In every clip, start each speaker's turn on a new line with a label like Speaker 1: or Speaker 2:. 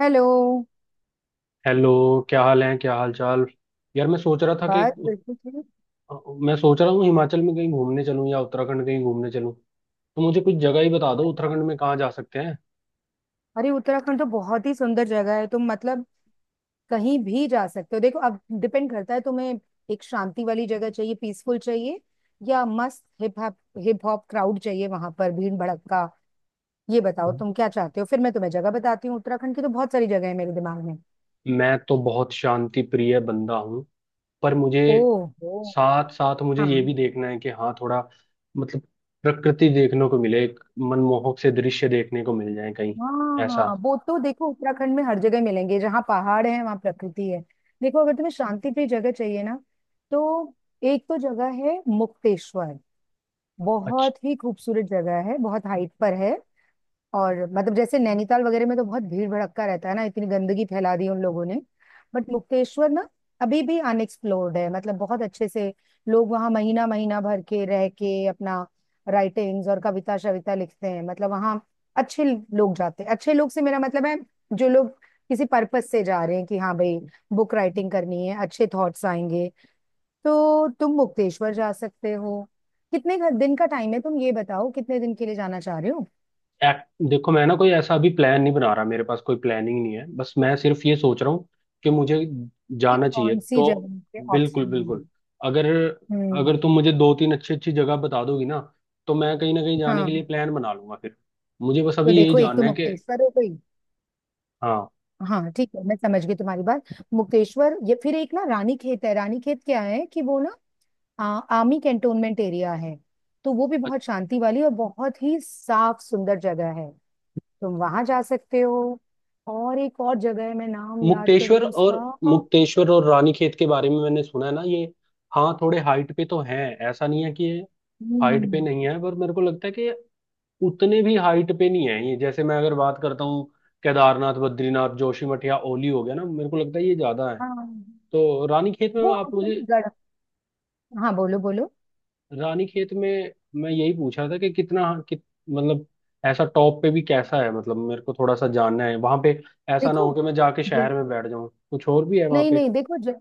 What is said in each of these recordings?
Speaker 1: Hello.
Speaker 2: Hello. क्या हाल है, क्या हाल चाल? यार, मैं सोच रहा था कि
Speaker 1: बस बिल्कुल ठीक।
Speaker 2: मैं सोच रहा हूँ हिमाचल में कहीं घूमने चलूँ या उत्तराखंड कहीं घूमने चलूँ। तो मुझे कुछ जगह ही बता
Speaker 1: हाँ
Speaker 2: दो,
Speaker 1: यार।
Speaker 2: उत्तराखंड में कहाँ जा सकते हैं।
Speaker 1: अरे उत्तराखंड तो बहुत ही सुंदर जगह है, तुम मतलब कहीं भी जा सकते हो। देखो, अब डिपेंड करता है तुम्हें एक शांति वाली जगह चाहिए, पीसफुल चाहिए, या मस्त हिप हॉप क्राउड चाहिए वहां पर भीड़ भड़क्का। ये बताओ तुम क्या चाहते हो, फिर मैं तुम्हें जगह बताती हूँ। उत्तराखंड की तो बहुत सारी जगह है मेरे दिमाग में।
Speaker 2: मैं तो बहुत शांति प्रिय बंदा हूँ, पर मुझे
Speaker 1: ओह ओ।
Speaker 2: साथ साथ मुझे ये
Speaker 1: हाँ
Speaker 2: भी देखना है कि हाँ, थोड़ा मतलब प्रकृति देखने को मिले, एक मनमोहक से दृश्य देखने को मिल जाए कहीं
Speaker 1: हाँ
Speaker 2: ऐसा।
Speaker 1: हाँ, वो तो देखो उत्तराखंड में हर जगह मिलेंगे, जहाँ पहाड़ है वहाँ प्रकृति है। देखो, अगर तुम्हें शांति प्रिय जगह चाहिए ना, तो एक तो जगह है मुक्तेश्वर। बहुत ही खूबसूरत जगह है, बहुत हाइट पर है। और मतलब जैसे नैनीताल वगैरह में तो बहुत भीड़ भड़क्का रहता है ना, इतनी गंदगी फैला दी उन लोगों ने। बट मुक्तेश्वर ना अभी भी अनएक्सप्लोर्ड है, मतलब बहुत अच्छे से लोग वहाँ महीना महीना भर के रह के अपना राइटिंग्स और कविता शविता लिखते हैं। मतलब वहाँ अच्छे लोग जाते हैं। अच्छे लोग से मेरा मतलब है जो लोग किसी पर्पस से जा रहे हैं कि हाँ भाई बुक राइटिंग करनी है, अच्छे थॉट्स आएंगे। तो तुम मुक्तेश्वर जा सकते हो। कितने दिन का टाइम है, तुम ये बताओ कितने दिन के लिए जाना चाह रहे हो,
Speaker 2: देखो, मैं ना कोई ऐसा अभी प्लान नहीं बना रहा, मेरे पास कोई प्लानिंग नहीं है, बस मैं सिर्फ ये सोच रहा हूँ कि मुझे
Speaker 1: कि
Speaker 2: जाना चाहिए।
Speaker 1: कौन सी
Speaker 2: तो
Speaker 1: जगह के
Speaker 2: बिल्कुल
Speaker 1: ऑप्शन
Speaker 2: बिल्कुल,
Speaker 1: हैं।
Speaker 2: अगर
Speaker 1: हम्म।
Speaker 2: अगर तुम मुझे दो तीन अच्छी अच्छी जगह बता दोगी ना, तो मैं कहीं ना कहीं जाने
Speaker 1: हाँ,
Speaker 2: के लिए प्लान बना लूंगा फिर। मुझे बस
Speaker 1: तो
Speaker 2: अभी यही
Speaker 1: देखो एक तो
Speaker 2: जानना है कि।
Speaker 1: मुक्तेश्वर हो गई।
Speaker 2: हाँ।
Speaker 1: हाँ ठीक है, मैं समझ गई तुम्हारी बात। मुक्तेश्वर, ये फिर एक ना रानी खेत है। रानी खेत क्या है कि वो ना आ, आर्मी कैंटोनमेंट एरिया है। तो वो भी
Speaker 2: अ-
Speaker 1: बहुत शांति वाली और बहुत ही साफ सुंदर जगह है। तुम वहां जा सकते हो। और एक और जगह है, मैं नाम याद कर रही
Speaker 2: मुक्तेश्वर
Speaker 1: हूँ
Speaker 2: और,
Speaker 1: उसका।
Speaker 2: रानीखेत के बारे में मैंने सुना है ना ये। हाँ, थोड़े हाइट पे तो हैं, ऐसा नहीं है कि ये हाइट पे
Speaker 1: हम्म।
Speaker 2: नहीं है, पर मेरे को लगता है कि उतने भी हाइट पे नहीं है ये। जैसे मैं अगर बात करता हूँ केदारनाथ, बद्रीनाथ, जोशीमठ या ओली हो गया ना, मेरे को लगता है ये ज्यादा है।
Speaker 1: हाँ,
Speaker 2: तो रानीखेत में
Speaker 1: वो
Speaker 2: आप मुझे,
Speaker 1: एक्चुअली गढ़। हाँ बोलो बोलो।
Speaker 2: रानीखेत में मैं यही पूछ रहा था कि कितना, कित, मतलब ऐसा टॉप पे भी कैसा है, मतलब मेरे को थोड़ा सा जानना है वहां पे। ऐसा ना हो
Speaker 1: देखो,
Speaker 2: कि मैं जाके शहर में बैठ जाऊं, कुछ और भी है वहां
Speaker 1: नहीं
Speaker 2: पे?
Speaker 1: नहीं, देखो।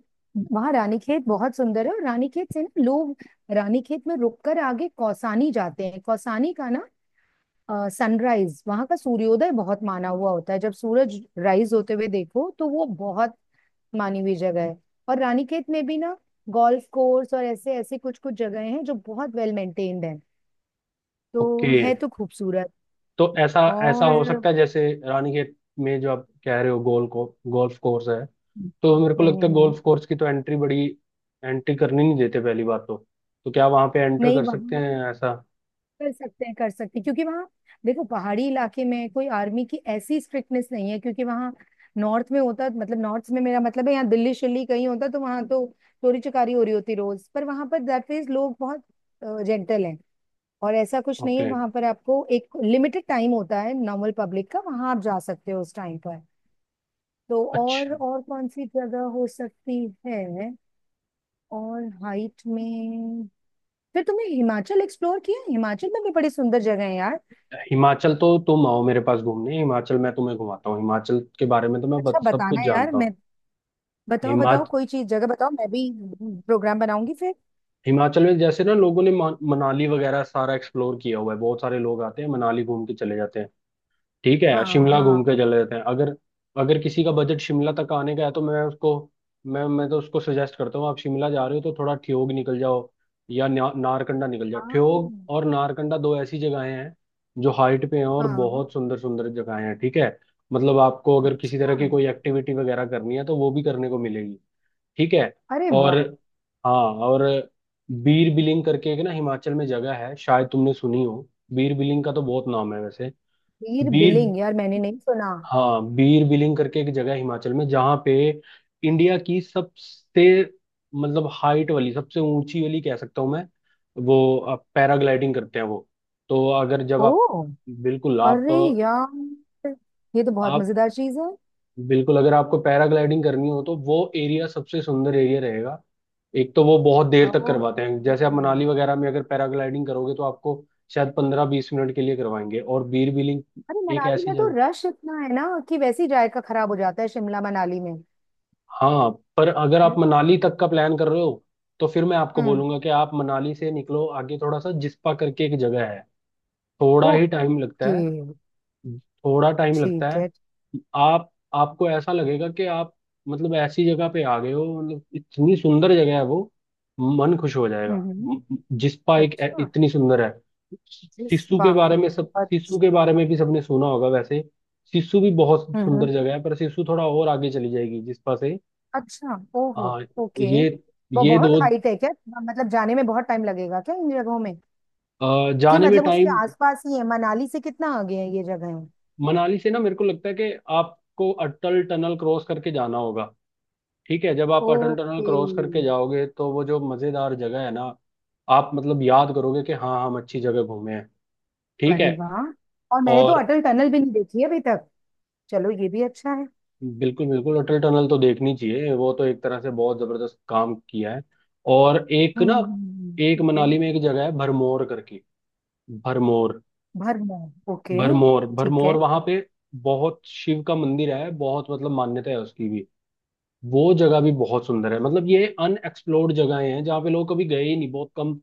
Speaker 1: वहां रानीखेत बहुत सुंदर है और रानीखेत से ना लोग रानीखेत में रुककर आगे कौसानी जाते हैं। कौसानी का ना सनराइज, वहां का सूर्योदय बहुत माना हुआ होता है। जब सूरज राइज होते हुए देखो तो वो बहुत मानी हुई जगह है। और रानीखेत में भी ना गोल्फ कोर्स और ऐसे ऐसे कुछ कुछ जगह हैं जो बहुत वेल मेंटेन्ड हैं। तो
Speaker 2: ओके।
Speaker 1: है तो खूबसूरत।
Speaker 2: तो ऐसा ऐसा हो
Speaker 1: और।
Speaker 2: सकता है जैसे रानीखेत में जो आप कह रहे हो गोल्फ कोर्स है, तो मेरे को लगता है
Speaker 1: हम्म।
Speaker 2: गोल्फ कोर्स की तो एंट्री बड़ी, एंट्री करनी नहीं देते पहली बात तो। तो क्या वहां पे एंटर
Speaker 1: नहीं
Speaker 2: कर सकते
Speaker 1: वहाँ,
Speaker 2: हैं ऐसा?
Speaker 1: कर सकते हैं कर सकते हैं, क्योंकि वहाँ देखो पहाड़ी इलाके में कोई आर्मी की ऐसी स्ट्रिक्टनेस नहीं है। क्योंकि वहाँ नॉर्थ में होता, मतलब नॉर्थ में मेरा मतलब है, यहाँ दिल्ली शिल्ली कहीं होता तो वहाँ तो चोरी चकारी हो रही होती रोज। पर वहाँ पर दैट मीन्स लोग बहुत जेंटल हैं। और ऐसा कुछ नहीं है।
Speaker 2: ओके।
Speaker 1: वहाँ पर आपको एक लिमिटेड टाइम होता है नॉर्मल पब्लिक का, वहाँ आप जा सकते हो उस टाइम पर। तो और
Speaker 2: अच्छा,
Speaker 1: और कौन सी जगह हो सकती है और हाइट में? फिर तुमने हिमाचल एक्सप्लोर किया? हिमाचल में भी बड़ी सुंदर जगह है यार।
Speaker 2: हिमाचल तो तुम आओ मेरे पास घूमने, हिमाचल मैं तुम्हें घुमाता हूँ। हिमाचल के बारे में तो मैं
Speaker 1: अच्छा,
Speaker 2: सब कुछ
Speaker 1: बताना यार।
Speaker 2: जानता
Speaker 1: मैं
Speaker 2: हूँ।
Speaker 1: बताओ बताओ
Speaker 2: हिमाच
Speaker 1: कोई चीज, जगह बताओ, मैं भी प्रोग्राम बनाऊंगी फिर।
Speaker 2: हिमाचल में जैसे ना लोगों ने मनाली वगैरह सारा एक्सप्लोर किया हुआ है, बहुत सारे लोग आते हैं मनाली घूम के चले जाते हैं, ठीक है,
Speaker 1: हाँ
Speaker 2: शिमला
Speaker 1: हाँ
Speaker 2: घूम के चले जाते हैं। अगर अगर किसी का बजट शिमला तक आने का है, तो मैं उसको, मैं तो उसको सजेस्ट करता हूँ आप शिमला जा रहे हो तो थोड़ा ठियोग निकल जाओ या नारकंडा निकल जाओ।
Speaker 1: हाँ
Speaker 2: ठियोग और नारकंडा दो ऐसी जगहें हैं जो हाइट पे हैं और
Speaker 1: हाँ।
Speaker 2: बहुत सुंदर सुंदर जगहें हैं, ठीक है। मतलब आपको अगर किसी
Speaker 1: अच्छा।
Speaker 2: तरह की कोई एक्टिविटी वगैरह करनी है तो वो भी करने को मिलेगी, ठीक है।
Speaker 1: अरे वाह।
Speaker 2: और, हाँ, और बीर बिलिंग करके एक ना हिमाचल में जगह है, शायद तुमने सुनी हो, बीर बिलिंग का तो बहुत नाम है वैसे।
Speaker 1: वीर
Speaker 2: बीर,
Speaker 1: बिलिंग, यार मैंने नहीं सुना।
Speaker 2: हाँ बीर बिलिंग करके एक जगह है हिमाचल में जहाँ पे इंडिया की सबसे, मतलब हाइट वाली सबसे ऊंची वाली कह सकता हूँ मैं, वो, आप पैराग्लाइडिंग करते हैं वो। तो अगर जब आप,
Speaker 1: ओ।
Speaker 2: बिल्कुल
Speaker 1: अरे यार, ये तो बहुत
Speaker 2: आप
Speaker 1: मजेदार चीज है।
Speaker 2: बिल्कुल अगर आपको पैराग्लाइडिंग करनी हो, तो वो एरिया सबसे सुंदर एरिया रहेगा। एक तो वो बहुत देर तक करवाते हैं,
Speaker 1: ओके।
Speaker 2: जैसे आप मनाली वगैरह में अगर पैराग्लाइडिंग करोगे तो आपको शायद पंद्रह बीस मिनट के लिए करवाएंगे, और बीर बिलिंग
Speaker 1: अरे
Speaker 2: एक
Speaker 1: मनाली
Speaker 2: ऐसी
Speaker 1: में तो
Speaker 2: जगह।
Speaker 1: रश इतना है ना कि वैसे ही जायका खराब हो जाता है शिमला मनाली में।
Speaker 2: हाँ, पर अगर आप मनाली तक का प्लान कर रहे हो, तो फिर मैं आपको
Speaker 1: हम्म।
Speaker 2: बोलूंगा कि आप मनाली से निकलो आगे थोड़ा सा, जिस्पा करके एक जगह है। थोड़ा ही
Speaker 1: ओके।
Speaker 2: टाइम लगता है, थोड़ा टाइम लगता
Speaker 1: ठीक
Speaker 2: है।
Speaker 1: है।
Speaker 2: आप आपको ऐसा लगेगा कि आप मतलब ऐसी जगह पे आ गए हो, मतलब इतनी सुंदर जगह है वो, मन खुश हो जाएगा।
Speaker 1: हम्म।
Speaker 2: जिस्पा एक
Speaker 1: अच्छा,
Speaker 2: इतनी सुंदर है।
Speaker 1: जिस बात।
Speaker 2: सिस्सू
Speaker 1: अच्छा।
Speaker 2: के बारे में भी सबने सुना होगा वैसे। सिस्सू भी बहुत सुंदर
Speaker 1: हम्म।
Speaker 2: जगह है, पर सिस्सू थोड़ा और आगे चली जाएगी जिस्पा से।
Speaker 1: अच्छा, ओहो।
Speaker 2: हाँ।
Speaker 1: ओके।
Speaker 2: ये
Speaker 1: वो
Speaker 2: ये
Speaker 1: बहुत
Speaker 2: दो।
Speaker 1: हाइट है क्या? मतलब जाने में बहुत टाइम लगेगा क्या इन जगहों में? कि
Speaker 2: जाने में
Speaker 1: मतलब उसके
Speaker 2: टाइम,
Speaker 1: आसपास ही है, मनाली से कितना आगे है ये जगह?
Speaker 2: मनाली से ना, मेरे को लगता है कि आपको अटल टनल क्रॉस करके जाना होगा, ठीक है। जब आप अटल टनल
Speaker 1: ओके।
Speaker 2: क्रॉस करके जाओगे तो वो जो मजेदार जगह है ना, आप मतलब याद करोगे कि हाँ हम अच्छी जगह घूमे हैं, ठीक
Speaker 1: अरे
Speaker 2: है।
Speaker 1: वाह, और मैंने तो
Speaker 2: और
Speaker 1: अटल टनल भी नहीं देखी है अभी तक। चलो, ये भी अच्छा है।
Speaker 2: बिल्कुल बिल्कुल अटल टनल तो देखनी चाहिए, वो तो एक तरह से बहुत जबरदस्त काम किया है। और एक ना
Speaker 1: हम्म हम्म।
Speaker 2: एक
Speaker 1: ठीक है।
Speaker 2: मनाली में एक जगह है भरमौर करके, भरमौर,
Speaker 1: भरमौर, ओके।
Speaker 2: भरमौर
Speaker 1: ठीक
Speaker 2: भरमौर
Speaker 1: है।
Speaker 2: वहां पे बहुत शिव का मंदिर है, बहुत मतलब मान्यता है उसकी भी। वो जगह भी बहुत सुंदर है, मतलब ये अनएक्सप्लोर्ड जगहें हैं जहाँ पे लोग कभी गए ही नहीं, बहुत कम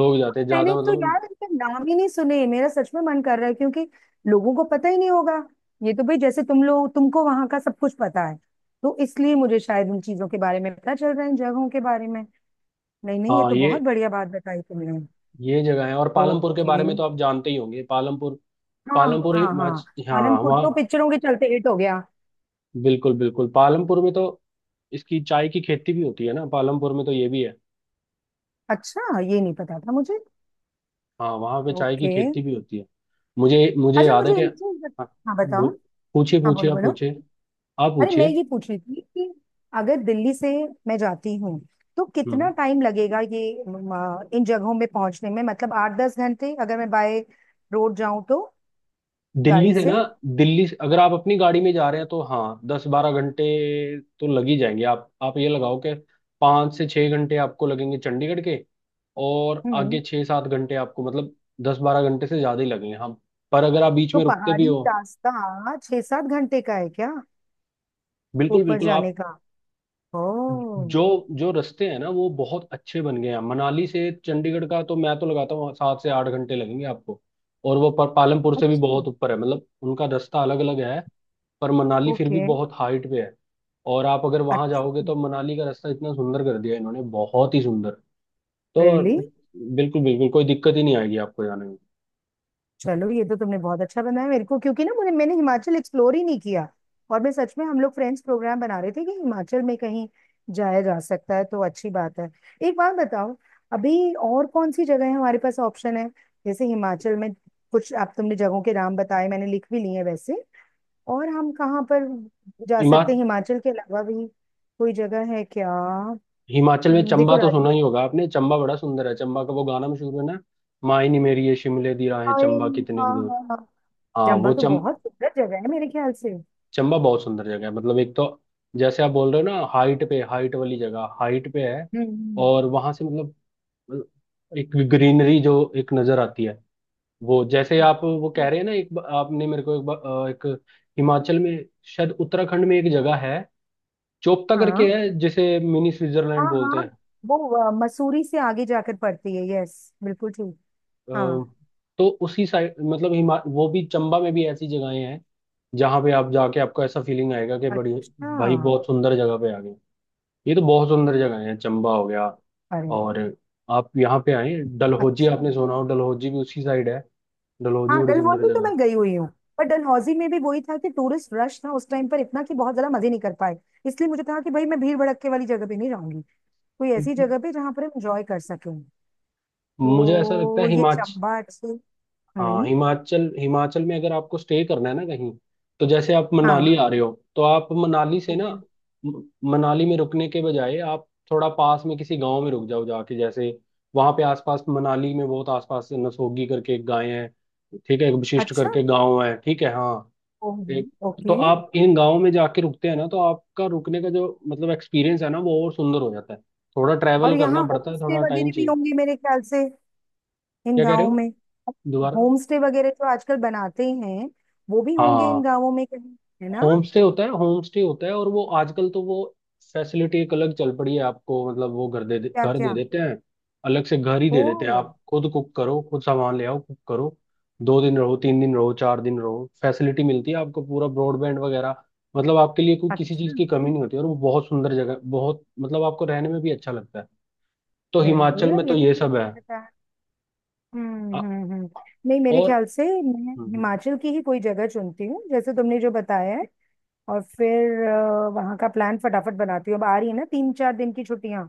Speaker 2: लोग जाते हैं,
Speaker 1: मैंने
Speaker 2: ज्यादा
Speaker 1: तो
Speaker 2: मतलब।
Speaker 1: यार इनके नाम ही नहीं सुने। मेरा सच में मन कर रहा है, क्योंकि लोगों को पता ही नहीं होगा। ये तो भाई जैसे तुम लोग, तुमको वहां का सब कुछ पता है, तो इसलिए मुझे शायद उन चीजों के बारे में पता चल रहा है, इन जगहों के बारे में। नहीं नहीं, ये
Speaker 2: हाँ
Speaker 1: तो
Speaker 2: ये
Speaker 1: बहुत बढ़िया बात बताई तुमने।
Speaker 2: ये जगह है। और पालमपुर के
Speaker 1: ओके।
Speaker 2: बारे में तो आप जानते ही होंगे, पालमपुर,
Speaker 1: हाँ हाँ हाँ।
Speaker 2: हाँ
Speaker 1: पालनपुर तो
Speaker 2: वहाँ
Speaker 1: पिक्चरों के चलते हिट हो गया।
Speaker 2: बिल्कुल बिल्कुल। पालमपुर में तो इसकी चाय की खेती भी होती है ना, पालमपुर में तो ये भी है।
Speaker 1: अच्छा, ये नहीं पता था मुझे।
Speaker 2: हाँ, वहां पे चाय की
Speaker 1: ओके।
Speaker 2: खेती भी होती है। मुझे मुझे
Speaker 1: अच्छा
Speaker 2: याद
Speaker 1: मुझे
Speaker 2: है कि,
Speaker 1: एक चीज।
Speaker 2: हाँ।
Speaker 1: हाँ बताओ।
Speaker 2: बो- पूछिए
Speaker 1: हाँ
Speaker 2: पूछिए,
Speaker 1: बोलो
Speaker 2: आप
Speaker 1: बोलो।
Speaker 2: पूछिए, आप
Speaker 1: अरे मैं
Speaker 2: पूछिए।
Speaker 1: ये पूछ रही थी कि अगर दिल्ली से मैं जाती हूँ तो कितना
Speaker 2: हम्म।
Speaker 1: टाइम लगेगा ये इन जगहों में पहुंचने में? मतलब 8-10 घंटे, अगर मैं बाय रोड जाऊं तो,
Speaker 2: दिल्ली
Speaker 1: गाड़ी
Speaker 2: से ना,
Speaker 1: से?
Speaker 2: दिल्ली से अगर आप अपनी गाड़ी में जा रहे हैं तो हाँ, दस बारह घंटे तो लग ही जाएंगे। आप ये लगाओ कि पाँच से छः घंटे आपको लगेंगे चंडीगढ़ के, और
Speaker 1: हम्म।
Speaker 2: आगे छः सात घंटे आपको, मतलब दस बारह घंटे से ज़्यादा ही लगेंगे हम। पर अगर आप बीच
Speaker 1: तो
Speaker 2: में रुकते भी
Speaker 1: पहाड़ी
Speaker 2: हो,
Speaker 1: रास्ता 6-7 घंटे का है क्या,
Speaker 2: बिल्कुल
Speaker 1: ऊपर
Speaker 2: बिल्कुल।
Speaker 1: जाने
Speaker 2: आप
Speaker 1: का? ओ।
Speaker 2: जो जो रास्ते हैं ना वो बहुत अच्छे बन गए हैं, मनाली से चंडीगढ़ का तो मैं तो लगाता हूँ सात से आठ घंटे लगेंगे आपको। और वो पर पालमपुर से भी
Speaker 1: अच्छा।
Speaker 2: बहुत ऊपर है, मतलब उनका रास्ता अलग अलग है। पर मनाली फिर भी
Speaker 1: ओके।
Speaker 2: बहुत हाइट पे है, और आप अगर वहां जाओगे
Speaker 1: अच्छा।
Speaker 2: तो मनाली का रास्ता इतना सुंदर कर दिया इन्होंने, बहुत ही सुंदर।
Speaker 1: रियली?
Speaker 2: तो बिल्कुल बिल्कुल कोई दिक्कत ही नहीं आएगी आपको जाने में।
Speaker 1: चलो, ये तो तुमने बहुत अच्छा बनाया मेरे को, क्योंकि ना मुझे मैंने हिमाचल एक्सप्लोर ही नहीं किया। और मैं सच में, हम लोग फ्रेंड्स प्रोग्राम बना रहे थे कि हिमाचल में कहीं जाया जा सकता है, तो अच्छी बात है। एक बात बताओ, अभी और कौन सी जगह है, हमारे पास ऑप्शन है जैसे हिमाचल में? कुछ आप तुमने जगहों के नाम बताए, मैंने लिख भी लिए हैं वैसे। और हम कहाँ पर जा
Speaker 2: हिमा
Speaker 1: सकते हैं हिमाचल के अलावा भी, कोई जगह है क्या? हम्म।
Speaker 2: हिमाचल में
Speaker 1: देखो
Speaker 2: चंबा तो
Speaker 1: राजू,
Speaker 2: सुना ही होगा आपने, चंबा बड़ा सुंदर है, चंबा का वो गाना मशहूर है ना, माही नी मेरी ये शिमले दी राहें
Speaker 1: हाय,
Speaker 2: चंबा कितने की
Speaker 1: हाँ
Speaker 2: दूर।
Speaker 1: हाँ हाँ,
Speaker 2: हाँ,
Speaker 1: जम्बा
Speaker 2: वो
Speaker 1: तो
Speaker 2: चम
Speaker 1: बहुत सुंदर जगह है मेरे ख्याल से।
Speaker 2: चंबा बहुत सुंदर जगह है, मतलब एक तो जैसे आप बोल रहे हो ना हाइट पे, हाइट वाली जगह हाइट पे है।
Speaker 1: हम्म
Speaker 2: और वहां से मतलब एक ग्रीनरी जो एक नजर आती है, वो जैसे आप वो कह
Speaker 1: हम्म।
Speaker 2: रहे हैं ना, एक आपने मेरे को एक, एक हिमाचल में, शायद उत्तराखंड में एक जगह है चोपता करके
Speaker 1: हाँ
Speaker 2: है, जिसे मिनी
Speaker 1: हाँ
Speaker 2: स्विट्जरलैंड बोलते हैं।
Speaker 1: हाँ, वो मसूरी से आगे जाकर पड़ती है, यस बिल्कुल ठीक।
Speaker 2: अ,
Speaker 1: हाँ।
Speaker 2: तो उसी साइड, मतलब हिमा वो भी चंबा में भी ऐसी जगहें हैं जहाँ पे आप जाके आपको ऐसा फीलिंग आएगा कि बड़ी
Speaker 1: अच्छा।
Speaker 2: भाई बहुत सुंदर जगह पे आ गए। ये तो बहुत सुंदर जगह है, चंबा हो गया।
Speaker 1: अरे।
Speaker 2: और आप यहाँ पे आए डलहौजी,
Speaker 1: अच्छा।
Speaker 2: आपने सुना हो डलहौजी भी उसी साइड है, डलहौजी
Speaker 1: हाँ
Speaker 2: बड़ी सुंदर
Speaker 1: डलहौजी तो
Speaker 2: जगह
Speaker 1: मैं गई हुई हूँ। पर डलहौजी में भी वही था कि टूरिस्ट रश था उस टाइम पर इतना कि बहुत ज्यादा मजे नहीं कर पाए। इसलिए मुझे था कि भाई मैं भीड़ भड़क के वाली जगह पे नहीं जाऊंगी, कोई ऐसी
Speaker 2: है।
Speaker 1: जगह पे जहाँ पर हम एंजॉय कर सकें।
Speaker 2: मुझे ऐसा लगता है
Speaker 1: तो ये
Speaker 2: हिमाचल,
Speaker 1: चंबा अच्छी।
Speaker 2: हाँ,
Speaker 1: हम्म।
Speaker 2: हिमाचल हिमाचल में अगर आपको स्टे करना है ना कहीं, तो जैसे आप
Speaker 1: हाँ।
Speaker 2: मनाली आ रहे हो तो आप मनाली से ना,
Speaker 1: ओके।
Speaker 2: म- मनाली में रुकने के बजाय आप थोड़ा पास में किसी गांव में रुक जाओ जाके। जैसे वहां पे आसपास, मनाली में बहुत आसपास नसोगी करके एक गाय है, ठीक है, एक वशिष्ठ
Speaker 1: अच्छा।
Speaker 2: करके गांव है, ठीक है, हाँ, एक। तो
Speaker 1: ओके।
Speaker 2: आप इन गाँव में जाके रुकते हैं ना, तो आपका रुकने का जो मतलब एक्सपीरियंस है ना वो और सुंदर हो जाता है। थोड़ा
Speaker 1: और
Speaker 2: ट्रैवल करना
Speaker 1: यहाँ
Speaker 2: पड़ता
Speaker 1: होम
Speaker 2: है,
Speaker 1: स्टे
Speaker 2: थोड़ा टाइम
Speaker 1: वगैरह भी
Speaker 2: चाहिए।
Speaker 1: होंगे मेरे ख्याल से, इन
Speaker 2: क्या कह रहे
Speaker 1: गाँवों
Speaker 2: हो?
Speaker 1: में?
Speaker 2: दोबारा।
Speaker 1: होम स्टे वगैरह जो आजकल बनाते हैं, वो भी होंगे इन
Speaker 2: हाँ,
Speaker 1: गाँवों में कहीं, है ना?
Speaker 2: होम स्टे होता है, होम स्टे होता है। और वो आजकल तो वो फैसिलिटी एक अलग चल पड़ी है आपको, मतलब वो
Speaker 1: क्या
Speaker 2: घर दे
Speaker 1: क्या?
Speaker 2: देते हैं, अलग से घर ही
Speaker 1: ओ।
Speaker 2: दे देते हैं। आप खुद कुक करो, खुद सामान ले आओ कुक करो, दो दिन रहो, तीन दिन रहो, चार दिन रहो, फैसिलिटी मिलती है आपको पूरा ब्रॉडबैंड वगैरह। मतलब आपके लिए कोई किसी
Speaker 1: अच्छा।
Speaker 2: चीज़ की कमी नहीं होती, और वो बहुत सुंदर जगह, बहुत मतलब आपको रहने में भी अच्छा लगता है। तो
Speaker 1: वेरी गुड
Speaker 2: हिमाचल में
Speaker 1: यार,
Speaker 2: तो
Speaker 1: ये तो
Speaker 2: ये सब
Speaker 1: मुझे
Speaker 2: है।
Speaker 1: नहीं पता।
Speaker 2: अ-
Speaker 1: हम्म। नहीं, मेरे
Speaker 2: और
Speaker 1: ख्याल से मैं हिमाचल की ही कोई जगह चुनती हूँ, जैसे तुमने जो बताया है। और फिर वहाँ का प्लान फटाफट बनाती हूँ, अब आ रही है ना 3-4 दिन की छुट्टियाँ।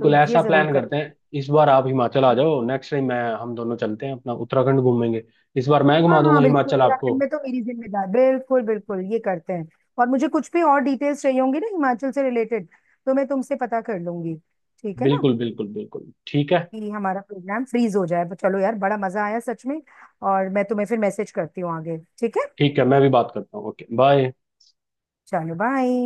Speaker 1: तो ये
Speaker 2: ऐसा
Speaker 1: जरूर
Speaker 2: प्लान करते हैं, इस बार आप हिमाचल आ
Speaker 1: कर।
Speaker 2: जाओ, नेक्स्ट टाइम मैं, हम दोनों चलते हैं अपना उत्तराखंड घूमेंगे। इस बार मैं
Speaker 1: हाँ
Speaker 2: घुमा दूंगा
Speaker 1: हाँ बिल्कुल,
Speaker 2: हिमाचल आपको।
Speaker 1: उत्तराखंड में तो मेरी जिम्मेदार, बिल्कुल बिल्कुल ये करते हैं। और मुझे कुछ भी और डिटेल्स चाहिए होंगी ना हिमाचल से रिलेटेड, तो मैं तुमसे पता कर लूंगी। ठीक है ना,
Speaker 2: बिल्कुल बिल्कुल बिल्कुल ठीक है।
Speaker 1: कि हमारा प्रोग्राम फ्रीज हो जाए? तो चलो यार, बड़ा मजा आया सच में। और मैं तुम्हें फिर मैसेज करती हूँ आगे, ठीक है।
Speaker 2: ठीक है, मैं भी बात करता हूँ, ओके बाय।
Speaker 1: चलो बाय।